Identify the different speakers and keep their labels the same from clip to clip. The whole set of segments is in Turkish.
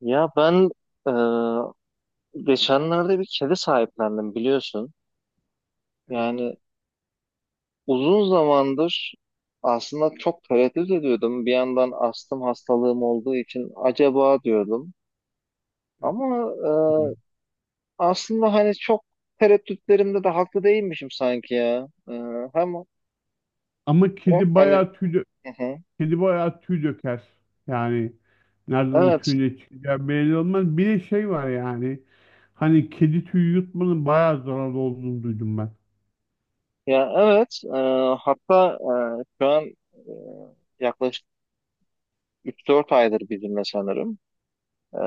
Speaker 1: Ya ben e, geçenlerde bir kedi sahiplendim biliyorsun.
Speaker 2: Evet,
Speaker 1: Yani uzun zamandır aslında çok tereddüt ediyordum. Bir yandan astım hastalığım olduğu için acaba diyordum.
Speaker 2: evet.
Speaker 1: Ama e,
Speaker 2: Hı.
Speaker 1: aslında hani çok tereddütlerimde de haklı değilmişim sanki ya. Hem
Speaker 2: Ama
Speaker 1: hem hani. Hı hı.
Speaker 2: kedi bayağı tüy döker. Yani nereden o
Speaker 1: Evet,
Speaker 2: tüy ne çıkacağı belli olmaz. Bir de şey var yani. Hani kedi tüyü yutmanın bayağı zararlı olduğunu duydum ben.
Speaker 1: ya evet. Hatta şu an, yaklaşık 3-4 aydır bizimle sanırım. Ee,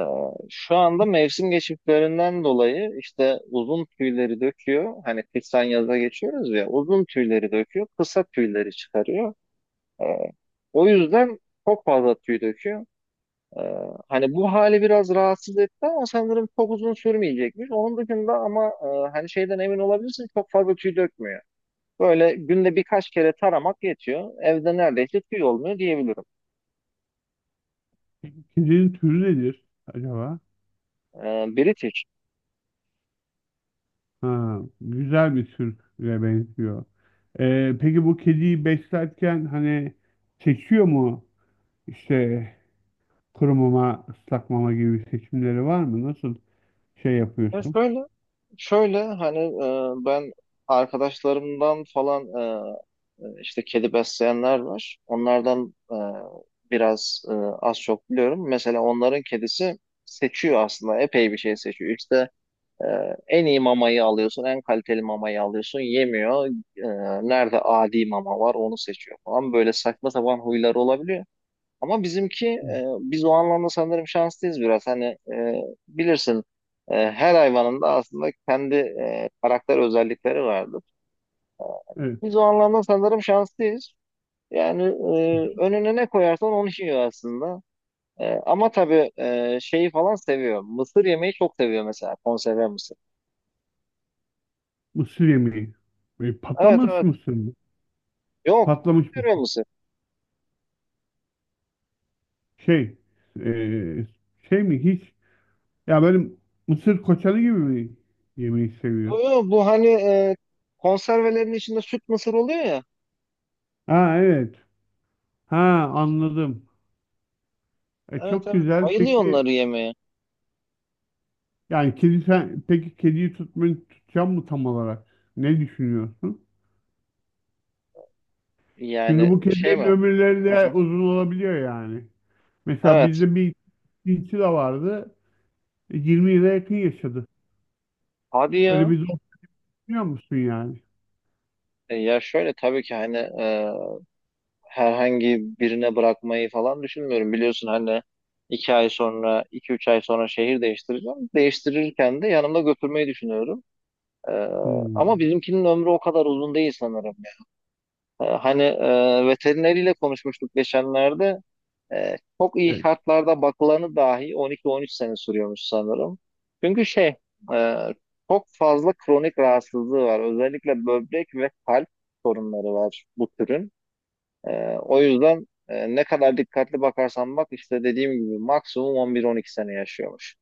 Speaker 1: Şu anda mevsim geçişlerinden dolayı işte uzun tüyleri döküyor. Hani kıştan yaza geçiyoruz ya, uzun tüyleri döküyor, kısa tüyleri çıkarıyor. Ee, O yüzden çok fazla tüy döküyor. Ee, Hani bu hali biraz rahatsız etti ama sanırım çok uzun sürmeyecekmiş. Onun dışında ama hani şeyden emin olabilirsin, çok fazla tüy dökmüyor. Böyle günde birkaç kere taramak yetiyor. Evde neredeyse tüy olmuyor diyebilirim.
Speaker 2: Peki kedinin türü nedir acaba?
Speaker 1: British.
Speaker 2: Ha, güzel bir türe benziyor. Peki bu kediyi beslerken hani seçiyor mu? İşte kuru mama, ıslak mama gibi seçimleri var mı? Nasıl şey
Speaker 1: Ya
Speaker 2: yapıyorsun?
Speaker 1: şöyle, hani ben arkadaşlarımdan falan, işte kedi besleyenler var. Onlardan biraz, az çok biliyorum. Mesela onların kedisi seçiyor, aslında epey bir şey seçiyor. İşte e, en iyi mamayı alıyorsun, en kaliteli mamayı alıyorsun, yemiyor. E, Nerede adi mama var onu seçiyor falan. Böyle saçma sapan huyları olabiliyor. Ama bizimki,
Speaker 2: Hı,
Speaker 1: biz o anlamda sanırım şanslıyız biraz. Hani, e, bilirsin, her hayvanın da aslında kendi karakter özellikleri vardır.
Speaker 2: evet.
Speaker 1: Biz o anlamda sanırım şanslıyız. Yani önüne ne koyarsan onu yiyor aslında. Ama tabii şeyi falan seviyor. Mısır yemeyi çok seviyor, mesela konserve mısır.
Speaker 2: Mısır yemeği.
Speaker 1: Evet,
Speaker 2: Patlamış
Speaker 1: evet.
Speaker 2: mısır mı?
Speaker 1: Yok,
Speaker 2: Patlamış mısır.
Speaker 1: konserve mısır.
Speaker 2: Şey, e, şey mi hiç? Ya benim mısır koçanı gibi mi yemeği seviyor.
Speaker 1: Yok yok, bu hani konservelerin içinde süt mısır oluyor ya.
Speaker 2: Ha evet. Ha anladım.
Speaker 1: Evet,
Speaker 2: Çok
Speaker 1: evet.
Speaker 2: güzel.
Speaker 1: Bayılıyor
Speaker 2: Peki
Speaker 1: onları yemeye.
Speaker 2: yani kedi sen peki kediyi tutmayı tutacağım mı tam olarak? Ne düşünüyorsun? Çünkü
Speaker 1: Yani
Speaker 2: bu
Speaker 1: şey
Speaker 2: kedilerin
Speaker 1: mi?
Speaker 2: ömürleri de uzun olabiliyor yani. Mesela
Speaker 1: Evet.
Speaker 2: bizde bir cinsi de vardı. 20 yıla yakın yaşadı.
Speaker 1: Hadi
Speaker 2: Öyle
Speaker 1: ya.
Speaker 2: bir zor biliyor musun yani?
Speaker 1: Ya şöyle, tabii ki hani herhangi birine bırakmayı falan düşünmüyorum. Biliyorsun hani 2 ay sonra, 2-3 ay sonra şehir değiştireceğim. Değiştirirken de yanımda götürmeyi düşünüyorum. E, Ama
Speaker 2: Hmm.
Speaker 1: bizimkinin ömrü o kadar uzun değil sanırım. Hani, veterineriyle konuşmuştuk geçenlerde. Ee, Çok iyi
Speaker 2: Evet.
Speaker 1: şartlarda bakılanı dahi 12-13 sene sürüyormuş sanırım. Çünkü şey, e, çok fazla kronik rahatsızlığı var. Özellikle böbrek ve kalp sorunları var bu türün. Ee, O yüzden ne kadar dikkatli bakarsan bak, işte dediğim gibi, maksimum 11-12 sene yaşıyormuş.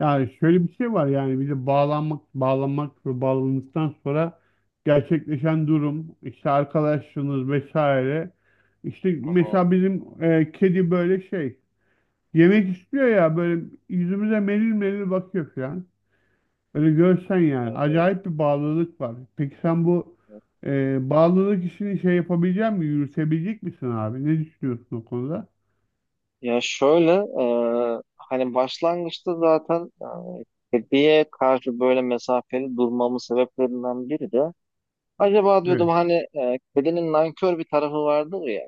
Speaker 2: Yani şöyle bir şey var yani bir de bağlanmak, bağlanmak ve bağlandıktan sonra gerçekleşen durum, işte arkadaşlığınız vesaire. İşte
Speaker 1: Hı hı,
Speaker 2: mesela bizim kedi böyle şey yemek istiyor ya böyle yüzümüze melil melil bakıyor falan. Öyle görsen yani
Speaker 1: evet,
Speaker 2: acayip bir bağlılık var. Peki sen bu
Speaker 1: evet.
Speaker 2: bağlılık işini şey yapabilecek mi? Yürütebilecek misin abi? Ne düşünüyorsun o konuda?
Speaker 1: Ya şöyle, hani başlangıçta zaten kediye karşı böyle mesafeli durmamın sebeplerinden biri de, acaba diyordum
Speaker 2: Evet.
Speaker 1: hani, kedinin nankör bir tarafı vardır ya.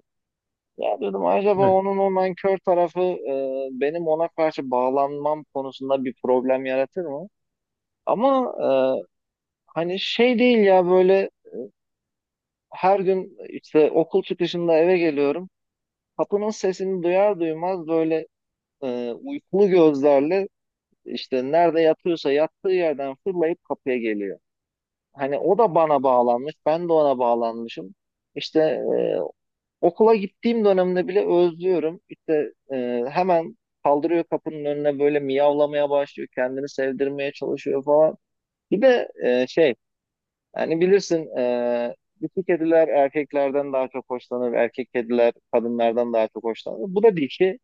Speaker 1: Ya diyordum, acaba
Speaker 2: Evet.
Speaker 1: onun o nankör tarafı benim ona karşı bağlanmam konusunda bir problem yaratır mı? Ama hani şey değil ya, böyle her gün işte okul çıkışında eve geliyorum. Kapının sesini duyar duymaz böyle uykulu gözlerle, işte nerede yatıyorsa yattığı yerden fırlayıp kapıya geliyor. Hani o da bana bağlanmış, ben de ona bağlanmışım. İşte e, Okula gittiğim dönemde bile özlüyorum. İşte hemen kaldırıyor, kapının önüne böyle miyavlamaya başlıyor. Kendini sevdirmeye çalışıyor falan. Bir de şey. Yani bilirsin, dişi kediler erkeklerden daha çok hoşlanır. Erkek kediler kadınlardan daha çok hoşlanır. Bu da dişi.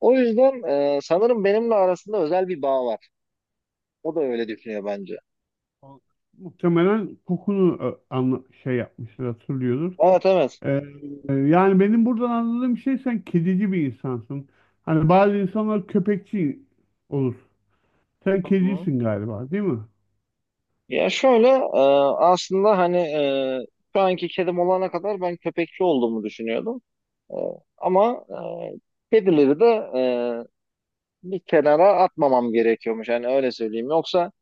Speaker 1: O yüzden sanırım benimle arasında özel bir bağ var. O da öyle düşünüyor bence.
Speaker 2: O- Muhtemelen kokunu şey yapmıştır hatırlıyordur.
Speaker 1: Evet, evet.
Speaker 2: Ee, Yani benim buradan anladığım şey sen kedici bir insansın. Hani bazı insanlar köpekçi olur. Sen
Speaker 1: Hı hı.
Speaker 2: kedicisin galiba, değil mi?
Speaker 1: Ya şöyle, aslında hani şu anki kedim olana kadar ben köpekçi olduğumu düşünüyordum. E, Ama kedileri de e, bir kenara atmamam gerekiyormuş. Yani öyle söyleyeyim. Yoksa,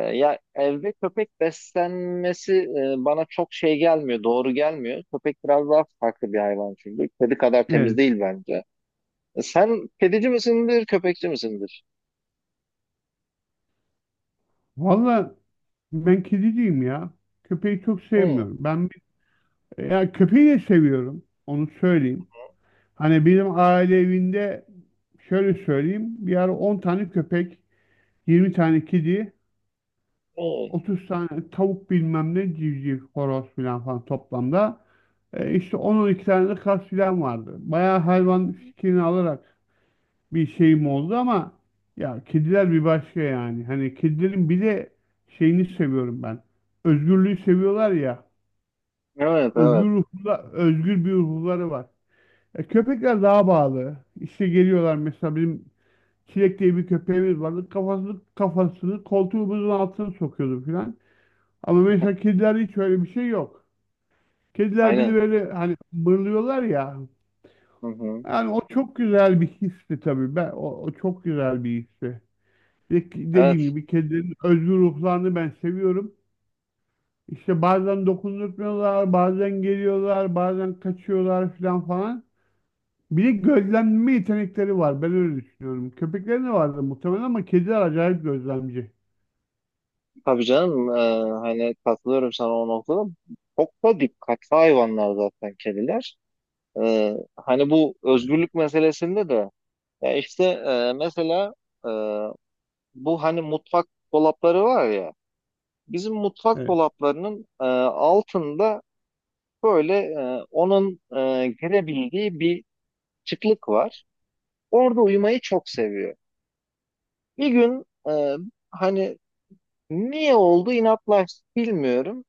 Speaker 1: ya evde köpek beslenmesi bana çok şey gelmiyor, doğru gelmiyor. Köpek biraz daha farklı bir hayvan çünkü. Kedi kadar temiz
Speaker 2: Evet.
Speaker 1: değil bence. Sen kedici misindir, köpekçi misindir?
Speaker 2: Valla ben kediciyim ya. Köpeği çok
Speaker 1: Hı,
Speaker 2: sevmiyorum. Ya köpeği de seviyorum. Onu söyleyeyim. Hani benim aile evinde şöyle söyleyeyim. Bir ara 10 tane köpek, 20 tane kedi,
Speaker 1: hı.
Speaker 2: 30 tane tavuk bilmem ne civciv, horoz filan falan toplamda. İşte 10 iki tane de kaz filan vardı. Bayağı hayvan fikrini alarak bir şeyim oldu ama ya kediler bir başka yani. Hani kedilerin bir de şeyini seviyorum ben. Özgürlüğü seviyorlar ya.
Speaker 1: Evet, evet.
Speaker 2: Özgür ruhlu, özgür bir ruhları var. Köpekler daha bağlı. İşte geliyorlar mesela benim Çilek diye bir köpeğimiz vardı. Kafasını koltuğumuzun altına sokuyordu filan. Ama mesela kedilerde hiç öyle bir şey yok. Kediler bir de
Speaker 1: Aynen.
Speaker 2: böyle hani mırlıyorlar ya.
Speaker 1: Hı hı.
Speaker 2: Yani o çok güzel bir histi tabii. O çok güzel bir histi. Bir de dediğim
Speaker 1: Evet,
Speaker 2: gibi kedilerin özgür ruhlarını ben seviyorum. İşte bazen dokundurtmuyorlar, bazen geliyorlar, bazen kaçıyorlar filan falan. Bir de gözlemleme yetenekleri var. Ben öyle düşünüyorum. Köpeklerin de vardı muhtemelen ama kediler acayip gözlemci.
Speaker 1: tabii canım. Hani katılıyorum sana o noktada. Çok da dikkatli hayvanlar zaten kediler. Hani bu özgürlük meselesinde de, ya işte mesela, e, bu hani mutfak dolapları var ya, bizim mutfak
Speaker 2: Evet.
Speaker 1: dolaplarının altında böyle onun girebildiği bir çıklık var. Orada uyumayı çok seviyor. Bir gün hani niye oldu, inatlaştı bilmiyorum.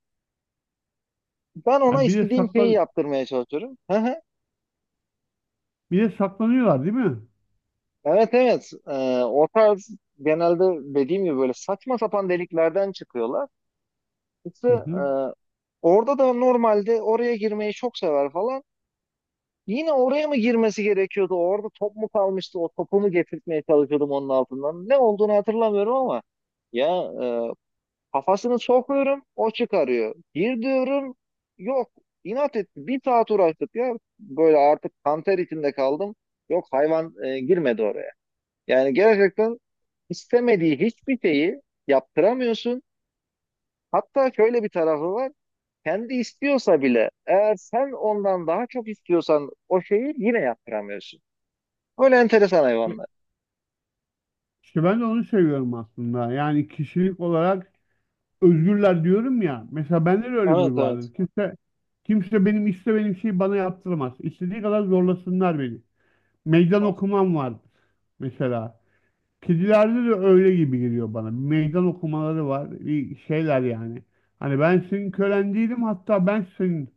Speaker 1: Ben ona
Speaker 2: Ha,
Speaker 1: istediğim şeyi yaptırmaya çalışıyorum.
Speaker 2: bir de saklanıyorlar değil mi?
Speaker 1: Evet, evet. O tarz, genelde dediğim gibi, böyle saçma sapan deliklerden çıkıyorlar. İşte
Speaker 2: Hı hı.
Speaker 1: orada da normalde oraya girmeyi çok sever falan. Yine oraya mı girmesi gerekiyordu? Orada top mu kalmıştı? O topumu getirtmeye çalışıyordum onun altından. Ne olduğunu hatırlamıyorum ama ya, e, kafasını sokuyorum, o çıkarıyor. Gir diyorum, yok, inat etti. Bir saat uğraştık ya, böyle artık kanter içinde kaldım. Yok, hayvan girmedi oraya. Yani gerçekten istemediği hiçbir şeyi yaptıramıyorsun. Hatta şöyle bir tarafı var: kendi istiyorsa bile, eğer sen ondan daha çok istiyorsan, o şeyi yine yaptıramıyorsun. Böyle enteresan hayvanlar.
Speaker 2: İşte ben de onu seviyorum aslında. Yani kişilik olarak özgürler diyorum ya. Mesela bende de öyle bir
Speaker 1: Evet,
Speaker 2: huy
Speaker 1: evet.
Speaker 2: vardır. Kimse benim istemediğim şeyi bana yaptıramaz. İstediği kadar zorlasınlar beni. Meydan okumam var mesela. Kedilerde de öyle gibi geliyor bana. Bir meydan okumaları var. Bir şeyler yani. Hani ben senin kölen değilim hatta ben senin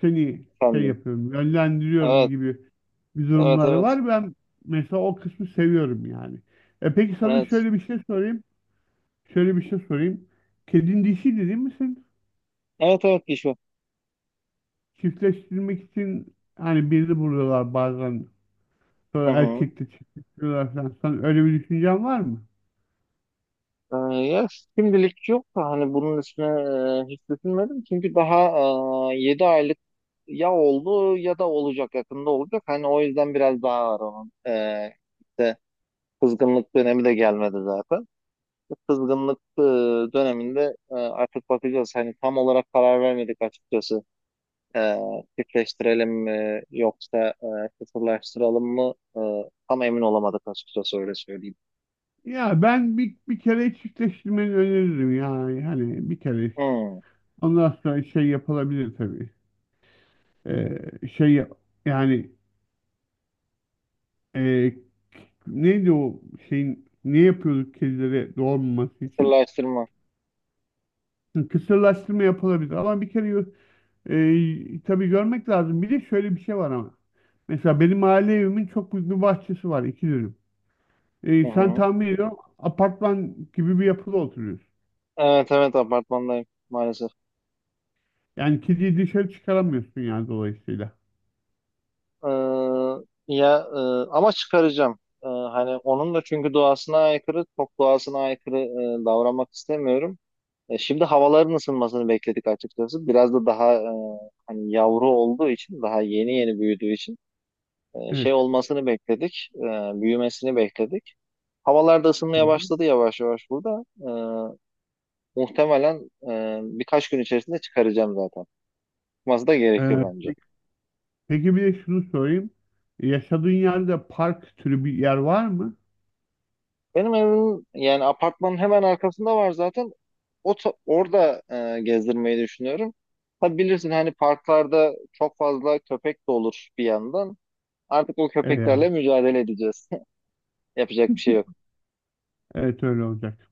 Speaker 2: seni şey
Speaker 1: Efendim.
Speaker 2: yapıyorum, yönlendiriyorum
Speaker 1: Evet,
Speaker 2: gibi bir
Speaker 1: evet,
Speaker 2: durumları
Speaker 1: evet.
Speaker 2: var. Ben mesela o kısmı seviyorum yani. E peki sana
Speaker 1: Evet.
Speaker 2: şöyle bir şey sorayım. Şöyle bir şey sorayım. Kedin dişiydi değil misin?
Speaker 1: Evet, evet, Gişo.
Speaker 2: Çiftleştirmek için hani birini buluyorlar bazen.
Speaker 1: Hı
Speaker 2: Sonra
Speaker 1: hı.
Speaker 2: erkekle çiftleştiriyorlar falan. Sen öyle bir düşüncen var mı?
Speaker 1: Ya, şimdilik yok da, hani bunun üstüne hiç düşünmedim. Çünkü daha 7 aylık ya oldu, ya da olacak, yakında olacak. Hani o yüzden biraz daha var onun. İşte kızgınlık dönemi de gelmedi zaten. Bu kızgınlık döneminde artık bakacağız. Hani tam olarak karar vermedik açıkçası. E, Çiftleştirelim mi yoksa kısırlaştıralım mı? Tam emin olamadık açıkçası, öyle söyleyeyim.
Speaker 2: Ya bir kere çiftleştirmeni öneririm yani. Hani bir kere.
Speaker 1: Hmm.
Speaker 2: Ondan sonra şey yapılabilir tabii. E, şey yap- Yani e, neydi o şeyin ne yapıyorduk kedilere doğmaması için?
Speaker 1: Kısırlaştırma.
Speaker 2: Hı, kısırlaştırma yapılabilir ama bir kere yo- e, tabii görmek lazım. Bir de şöyle bir şey var ama. Mesela benim aile evimin çok büyük bir bahçesi var iki dönüm.
Speaker 1: Hı
Speaker 2: E, sen
Speaker 1: hı.
Speaker 2: tahmin ediyorum apartman gibi bir yapıda oturuyorsun.
Speaker 1: Evet, evet, apartmandayım maalesef.
Speaker 2: Yani kediyi dışarı çıkaramıyorsun yani dolayısıyla.
Speaker 1: E, Ya ama çıkaracağım. Hani onun da, çünkü doğasına aykırı, çok doğasına aykırı davranmak istemiyorum. Şimdi havaların ısınmasını bekledik açıkçası. Biraz da daha, hani yavru olduğu için, daha yeni yeni büyüdüğü için şey
Speaker 2: Evet.
Speaker 1: olmasını bekledik, büyümesini bekledik. Havalar da
Speaker 2: Hı
Speaker 1: ısınmaya
Speaker 2: hı.
Speaker 1: başladı yavaş yavaş burada. Muhtemelen birkaç gün içerisinde çıkaracağım zaten. Çıkması da gerekiyor
Speaker 2: E,
Speaker 1: bence.
Speaker 2: pe- peki bir de şunu sorayım. Yaşadığın yerde park türü bir yer var mı?
Speaker 1: Benim evimin, yani apartmanın hemen arkasında var zaten. Orada gezdirmeyi düşünüyorum. Tabii bilirsin hani, parklarda çok fazla köpek de olur bir yandan. Artık o
Speaker 2: E, yani,
Speaker 1: köpeklerle mücadele edeceğiz. Yapacak bir şey yok.
Speaker 2: evet öyle olacak.